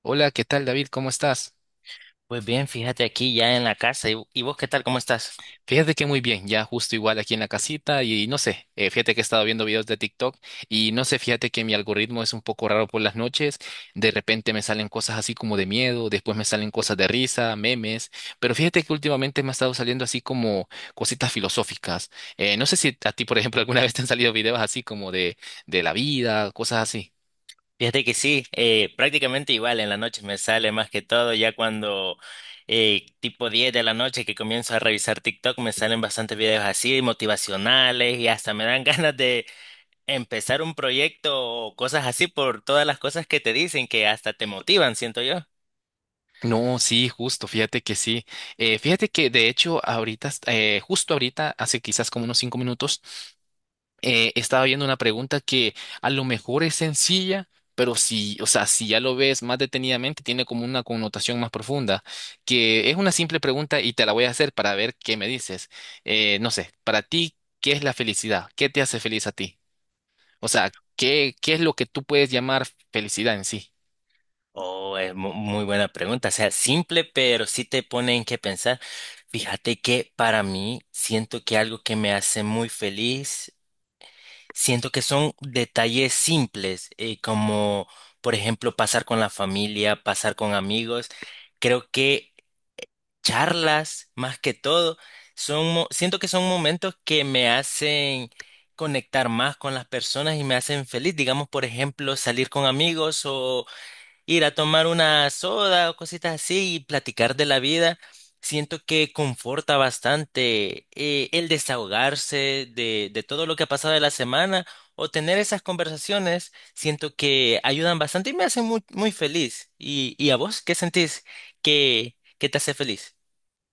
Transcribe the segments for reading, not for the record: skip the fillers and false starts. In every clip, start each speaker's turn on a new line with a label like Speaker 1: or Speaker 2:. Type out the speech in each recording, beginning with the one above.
Speaker 1: Hola, ¿qué tal, David? ¿Cómo estás?
Speaker 2: Pues bien, fíjate aquí ya en la casa. ¿Y vos, ¿qué tal? ¿Cómo estás?
Speaker 1: Fíjate que muy bien, ya justo igual aquí en la casita y no sé, fíjate que he estado viendo videos de TikTok y no sé, fíjate que mi algoritmo es un poco raro por las noches, de repente me salen cosas así como de miedo, después me salen cosas de risa, memes, pero fíjate que últimamente me ha estado saliendo así como cositas filosóficas. No sé si a ti, por ejemplo, alguna vez te han salido videos así como de la vida, cosas así.
Speaker 2: Fíjate que sí, prácticamente igual en la noche me sale más que todo, ya cuando tipo 10 de la noche que comienzo a revisar TikTok me salen bastantes videos así, motivacionales y hasta me dan ganas de empezar un proyecto o cosas así por todas las cosas que te dicen que hasta te motivan, siento yo.
Speaker 1: No, sí, justo, fíjate que sí. Fíjate que de hecho ahorita, justo ahorita, hace quizás como unos 5 minutos, estaba viendo una pregunta que a lo mejor es sencilla, pero si, o sea, si ya lo ves más detenidamente, tiene como una connotación más profunda, que es una simple pregunta y te la voy a hacer para ver qué me dices. No sé, para ti, ¿qué es la felicidad? ¿Qué te hace feliz a ti? O sea, ¿ qué es lo que tú puedes llamar felicidad en sí?
Speaker 2: Oh, es muy buena pregunta. O sea, simple, pero sí te pone en qué pensar. Fíjate que para mí siento que algo que me hace muy feliz, siento que son detalles simples, como por ejemplo pasar con la familia, pasar con amigos. Creo que charlas, más que todo, siento que son momentos que me hacen conectar más con las personas y me hacen feliz. Digamos, por ejemplo, salir con amigos, ir a tomar una soda o cositas así y platicar de la vida. Siento que conforta bastante, el desahogarse de todo lo que ha pasado de la semana o tener esas conversaciones. Siento que ayudan bastante y me hacen muy, muy feliz. Y a vos, ¿qué sentís que te hace feliz?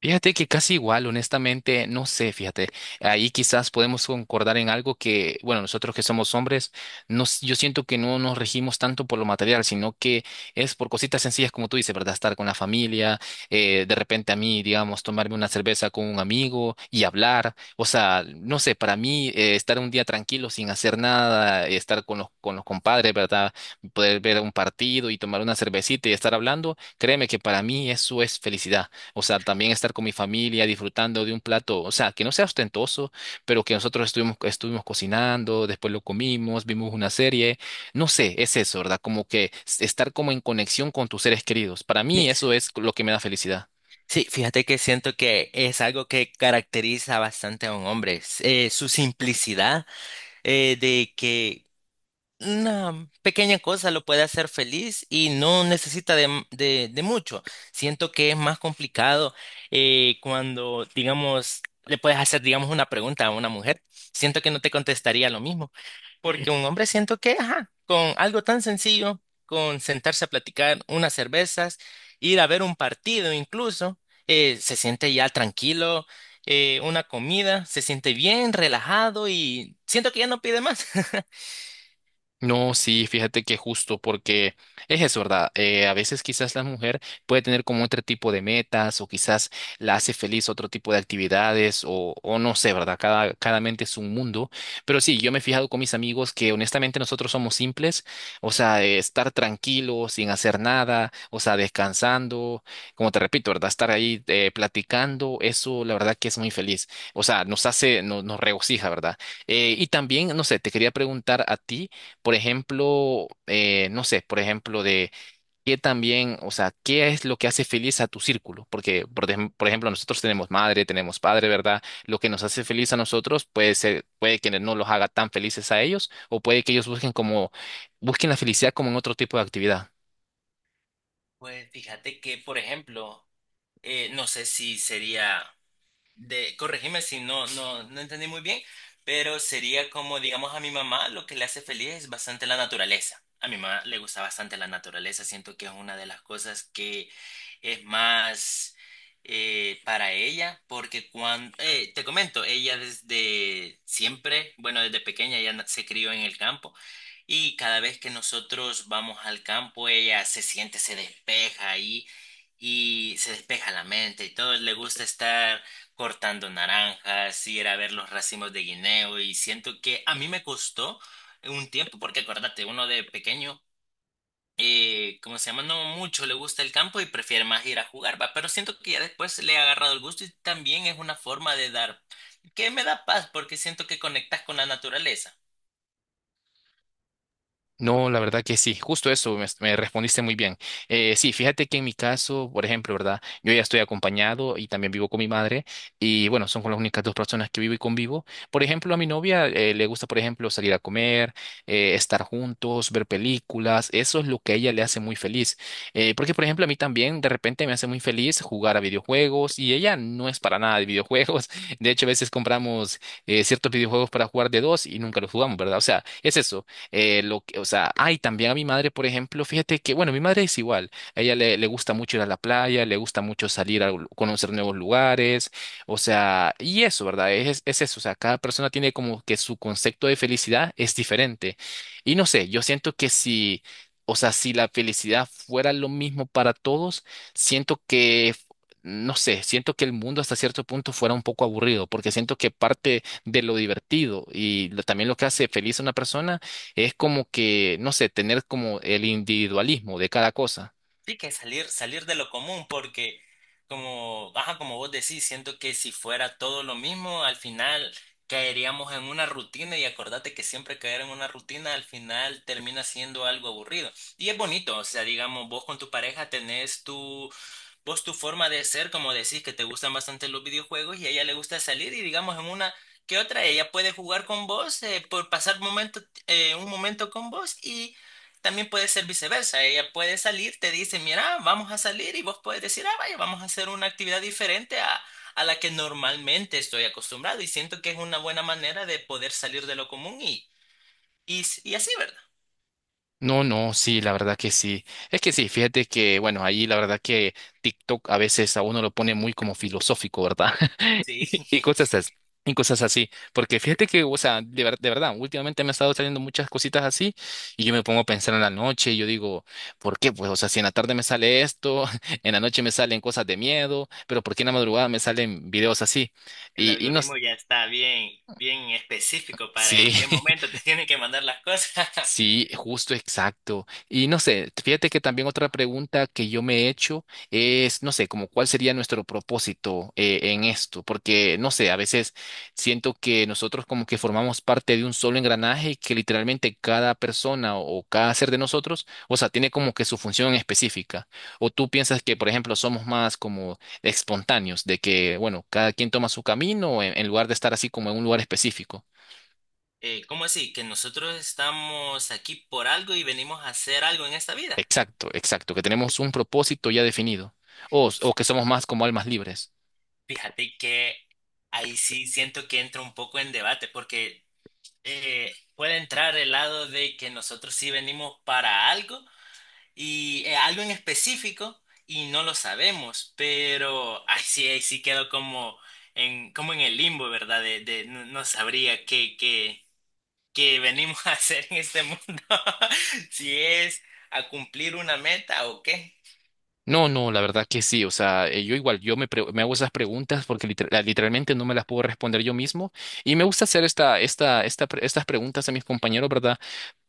Speaker 1: Fíjate que casi igual, honestamente, no sé, fíjate, ahí quizás podemos concordar en algo que, bueno, nosotros que somos hombres, yo siento que no nos regimos tanto por lo material, sino que es por cositas sencillas, como tú dices, ¿verdad? Estar con la familia, de repente a mí, digamos, tomarme una cerveza con un amigo y hablar, o sea, no sé, para mí, estar un día tranquilo sin hacer nada, estar con con los compadres, ¿verdad? Poder ver un partido y tomar una cervecita y estar hablando, créeme que para mí eso es felicidad, o sea, también estar con mi familia disfrutando de un plato, o sea, que no sea ostentoso, pero que nosotros estuvimos, estuvimos cocinando, después lo comimos, vimos una serie, no sé, es eso, ¿verdad? Como que estar como en conexión con tus seres queridos. Para
Speaker 2: Sí,
Speaker 1: mí eso es lo que me da felicidad.
Speaker 2: sí, fíjate que siento que es algo que caracteriza bastante a un hombre, es, su simplicidad, de que una pequeña cosa lo puede hacer feliz y no necesita de mucho. Siento que es más complicado cuando, digamos, le puedes hacer, digamos, una pregunta a una mujer. Siento que no te contestaría lo mismo, porque un hombre siento que, ajá, con algo tan sencillo, con sentarse a platicar unas cervezas, ir a ver un partido incluso, se siente ya tranquilo, una comida, se siente bien, relajado, y siento que ya no pide más.
Speaker 1: No, sí, fíjate que justo porque es eso, ¿verdad? A veces quizás la mujer puede tener como otro tipo de metas o quizás la hace feliz otro tipo de actividades o no sé, ¿verdad? Cada mente es un mundo. Pero sí, yo me he fijado con mis amigos que honestamente nosotros somos simples, o sea, estar tranquilo, sin hacer nada, o sea, descansando, como te repito, ¿verdad? Estar ahí platicando, eso la verdad que es muy feliz. O sea, nos hace, nos regocija, ¿verdad? Y también, no sé, te quería preguntar a ti. Por ejemplo, no sé, por ejemplo, de qué también, o sea, qué es lo que hace feliz a tu círculo, porque, por ejemplo, nosotros tenemos madre, tenemos padre, ¿verdad? Lo que nos hace feliz a nosotros puede ser, puede que no los haga tan felices a ellos, o puede que ellos busquen como, busquen la felicidad como en otro tipo de actividad.
Speaker 2: Pues fíjate que, por ejemplo, no sé si sería corregime si no, no entendí muy bien, pero sería como, digamos, a mi mamá lo que le hace feliz es bastante la naturaleza. A mi mamá le gusta bastante la naturaleza, siento que es una de las cosas que es más para ella, porque cuando, te comento, ella desde siempre, bueno, desde pequeña se crió en el campo. Y cada vez que nosotros vamos al campo, ella se siente, se despeja ahí y se despeja la mente y todo. Le gusta estar cortando naranjas, ir a ver los racimos de guineo, y siento que a mí me costó un tiempo, porque acuérdate, uno de pequeño, como se llama, no mucho le gusta el campo y prefiere más ir a jugar, va, pero siento que ya después le he agarrado el gusto y también es una forma de dar, que me da paz porque siento que conectas con la naturaleza.
Speaker 1: No, la verdad que sí, justo eso, me respondiste muy bien. Sí, fíjate que en mi caso, por ejemplo, ¿verdad? Yo ya estoy acompañado y también vivo con mi madre y bueno, son con las únicas dos personas que vivo y convivo. Por ejemplo, a mi novia le gusta, por ejemplo, salir a comer, estar juntos, ver películas, eso es lo que a ella le hace muy feliz. Porque, por ejemplo, a mí también de repente me hace muy feliz jugar a videojuegos y ella no es para nada de videojuegos. De hecho, a veces compramos ciertos videojuegos para jugar de dos y nunca los jugamos, ¿verdad? O sea, es eso lo que, o sea, ay, también a mi madre, por ejemplo, fíjate que, bueno, mi madre es igual. A ella le gusta mucho ir a la playa, le gusta mucho salir a conocer nuevos lugares, o sea, y eso, ¿verdad? Es eso, o sea, cada persona tiene como que su concepto de felicidad es diferente. Y no sé, yo siento que si, o sea, si la felicidad fuera lo mismo para todos, siento que… No sé, siento que el mundo hasta cierto punto fuera un poco aburrido, porque siento que parte de lo divertido y también lo que hace feliz a una persona es como que, no sé, tener como el individualismo de cada cosa.
Speaker 2: Sí, que salir, salir de lo común, porque como, ajá, como vos decís, siento que si fuera todo lo mismo, al final caeríamos en una rutina y acordate que siempre caer en una rutina al final termina siendo algo aburrido. Y es bonito, o sea, digamos, vos con tu pareja tenés tu... Vos tu forma de ser, como decís, que te gustan bastante los videojuegos y a ella le gusta salir, y digamos en una que otra, ella puede jugar con vos, por pasar momento, un momento con vos, y también puede ser viceversa. Ella puede salir, te dice, mira, vamos a salir, y vos puedes decir, ah, vaya, vamos a hacer una actividad diferente a la que normalmente estoy acostumbrado, y siento que es una buena manera de poder salir de lo común y así, ¿verdad?
Speaker 1: No, sí, la verdad que sí. Es que sí, fíjate que, bueno, ahí la verdad que TikTok a veces a uno lo pone muy como filosófico, ¿verdad?
Speaker 2: Sí.
Speaker 1: Y cosas así. Y cosas así, porque fíjate que, o sea, de verdad, últimamente me han estado saliendo muchas cositas así y yo me pongo a pensar en la noche y yo digo, ¿por qué? Pues, o sea, si en la tarde me sale esto, en la noche me salen cosas de miedo, pero ¿por qué en la madrugada me salen videos así?
Speaker 2: El
Speaker 1: Y no, s-
Speaker 2: algoritmo ya está bien, bien específico para
Speaker 1: sí.
Speaker 2: en qué momento te tienen que mandar las cosas.
Speaker 1: Sí, justo, exacto. Y no sé, fíjate que también otra pregunta que yo me he hecho es, no sé, como cuál sería nuestro propósito en esto, porque no sé, a veces siento que nosotros como que formamos parte de un solo engranaje y que literalmente cada persona o cada ser de nosotros, o sea, tiene como que su función específica. O tú piensas que, por ejemplo, somos más como espontáneos, de que, bueno, cada quien toma su camino en lugar de estar así como en un lugar específico.
Speaker 2: ¿Cómo así? ¿Que nosotros estamos aquí por algo y venimos a hacer algo en esta vida?
Speaker 1: Exacto, exacto, que tenemos un propósito ya definido o que somos más como almas libres.
Speaker 2: Fíjate que ahí sí siento que entra un poco en debate, porque puede entrar el lado de que nosotros sí venimos para algo y algo en específico y no lo sabemos, pero ahí sí quedo como en, como en el limbo, ¿verdad? De no, no sabría qué, qué que venimos a hacer en este mundo, si es a cumplir una meta o qué.
Speaker 1: No, no, la verdad que sí, o sea, yo igual, me hago esas preguntas porque literalmente no me las puedo responder yo mismo y me gusta hacer estas preguntas a mis compañeros, ¿verdad?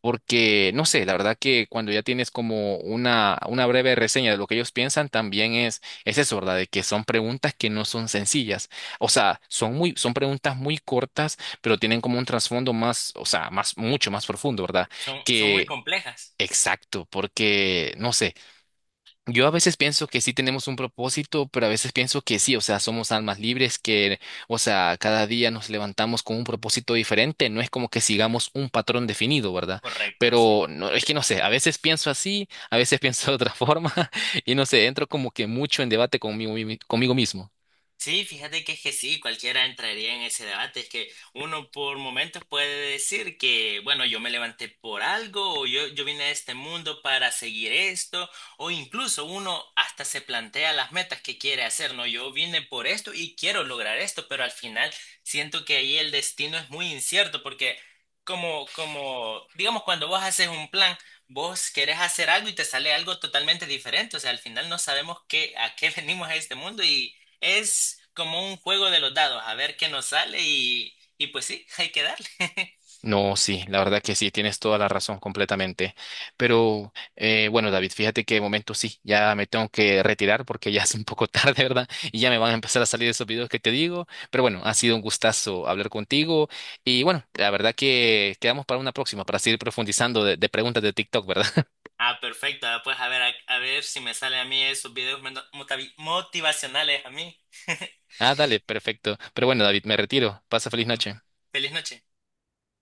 Speaker 1: Porque, no sé, la verdad que cuando ya tienes como una breve reseña de lo que ellos piensan, también es eso, ¿verdad? De que son preguntas que no son sencillas. O sea, son muy, son preguntas muy cortas, pero tienen como un trasfondo más, o sea, más, mucho más profundo, ¿verdad?
Speaker 2: Son, son muy
Speaker 1: Que,
Speaker 2: complejas.
Speaker 1: exacto, porque, no sé. Yo a veces pienso que sí tenemos un propósito, pero a veces pienso que sí, o sea, somos almas libres que, o sea, cada día nos levantamos con un propósito diferente, no es como que sigamos un patrón definido, ¿verdad?
Speaker 2: Correcto, sí.
Speaker 1: Pero no, es que no sé, a veces pienso así, a veces pienso de otra forma y no sé, entro como que mucho en debate conmigo, conmigo mismo.
Speaker 2: Sí, fíjate que es que sí, cualquiera entraría en ese debate. Es que uno por momentos puede decir que, bueno, yo me levanté por algo, yo vine a este mundo para seguir esto, o incluso uno hasta se plantea las metas que quiere hacer, ¿no? Yo vine por esto y quiero lograr esto, pero al final siento que ahí el destino es muy incierto, porque como, digamos, cuando vos haces un plan, vos querés hacer algo y te sale algo totalmente diferente. O sea, al final no sabemos qué, a qué venimos a este mundo, y es como un juego de los dados, a ver qué nos sale y pues sí, hay que darle.
Speaker 1: No, sí, la verdad que sí, tienes toda la razón completamente. Pero bueno, David, fíjate que de momento sí, ya me tengo que retirar porque ya es un poco tarde, ¿verdad? Y ya me van a empezar a salir esos videos que te digo. Pero bueno, ha sido un gustazo hablar contigo. Y bueno, la verdad que quedamos para una próxima, para seguir profundizando de preguntas de TikTok, ¿verdad?
Speaker 2: Ah, perfecto. Ah, pues a ver, a ver si me sale a mí esos videos motivacionales a mí.
Speaker 1: Ah, dale, perfecto. Pero bueno, David, me retiro. Pasa feliz noche.
Speaker 2: Feliz noche.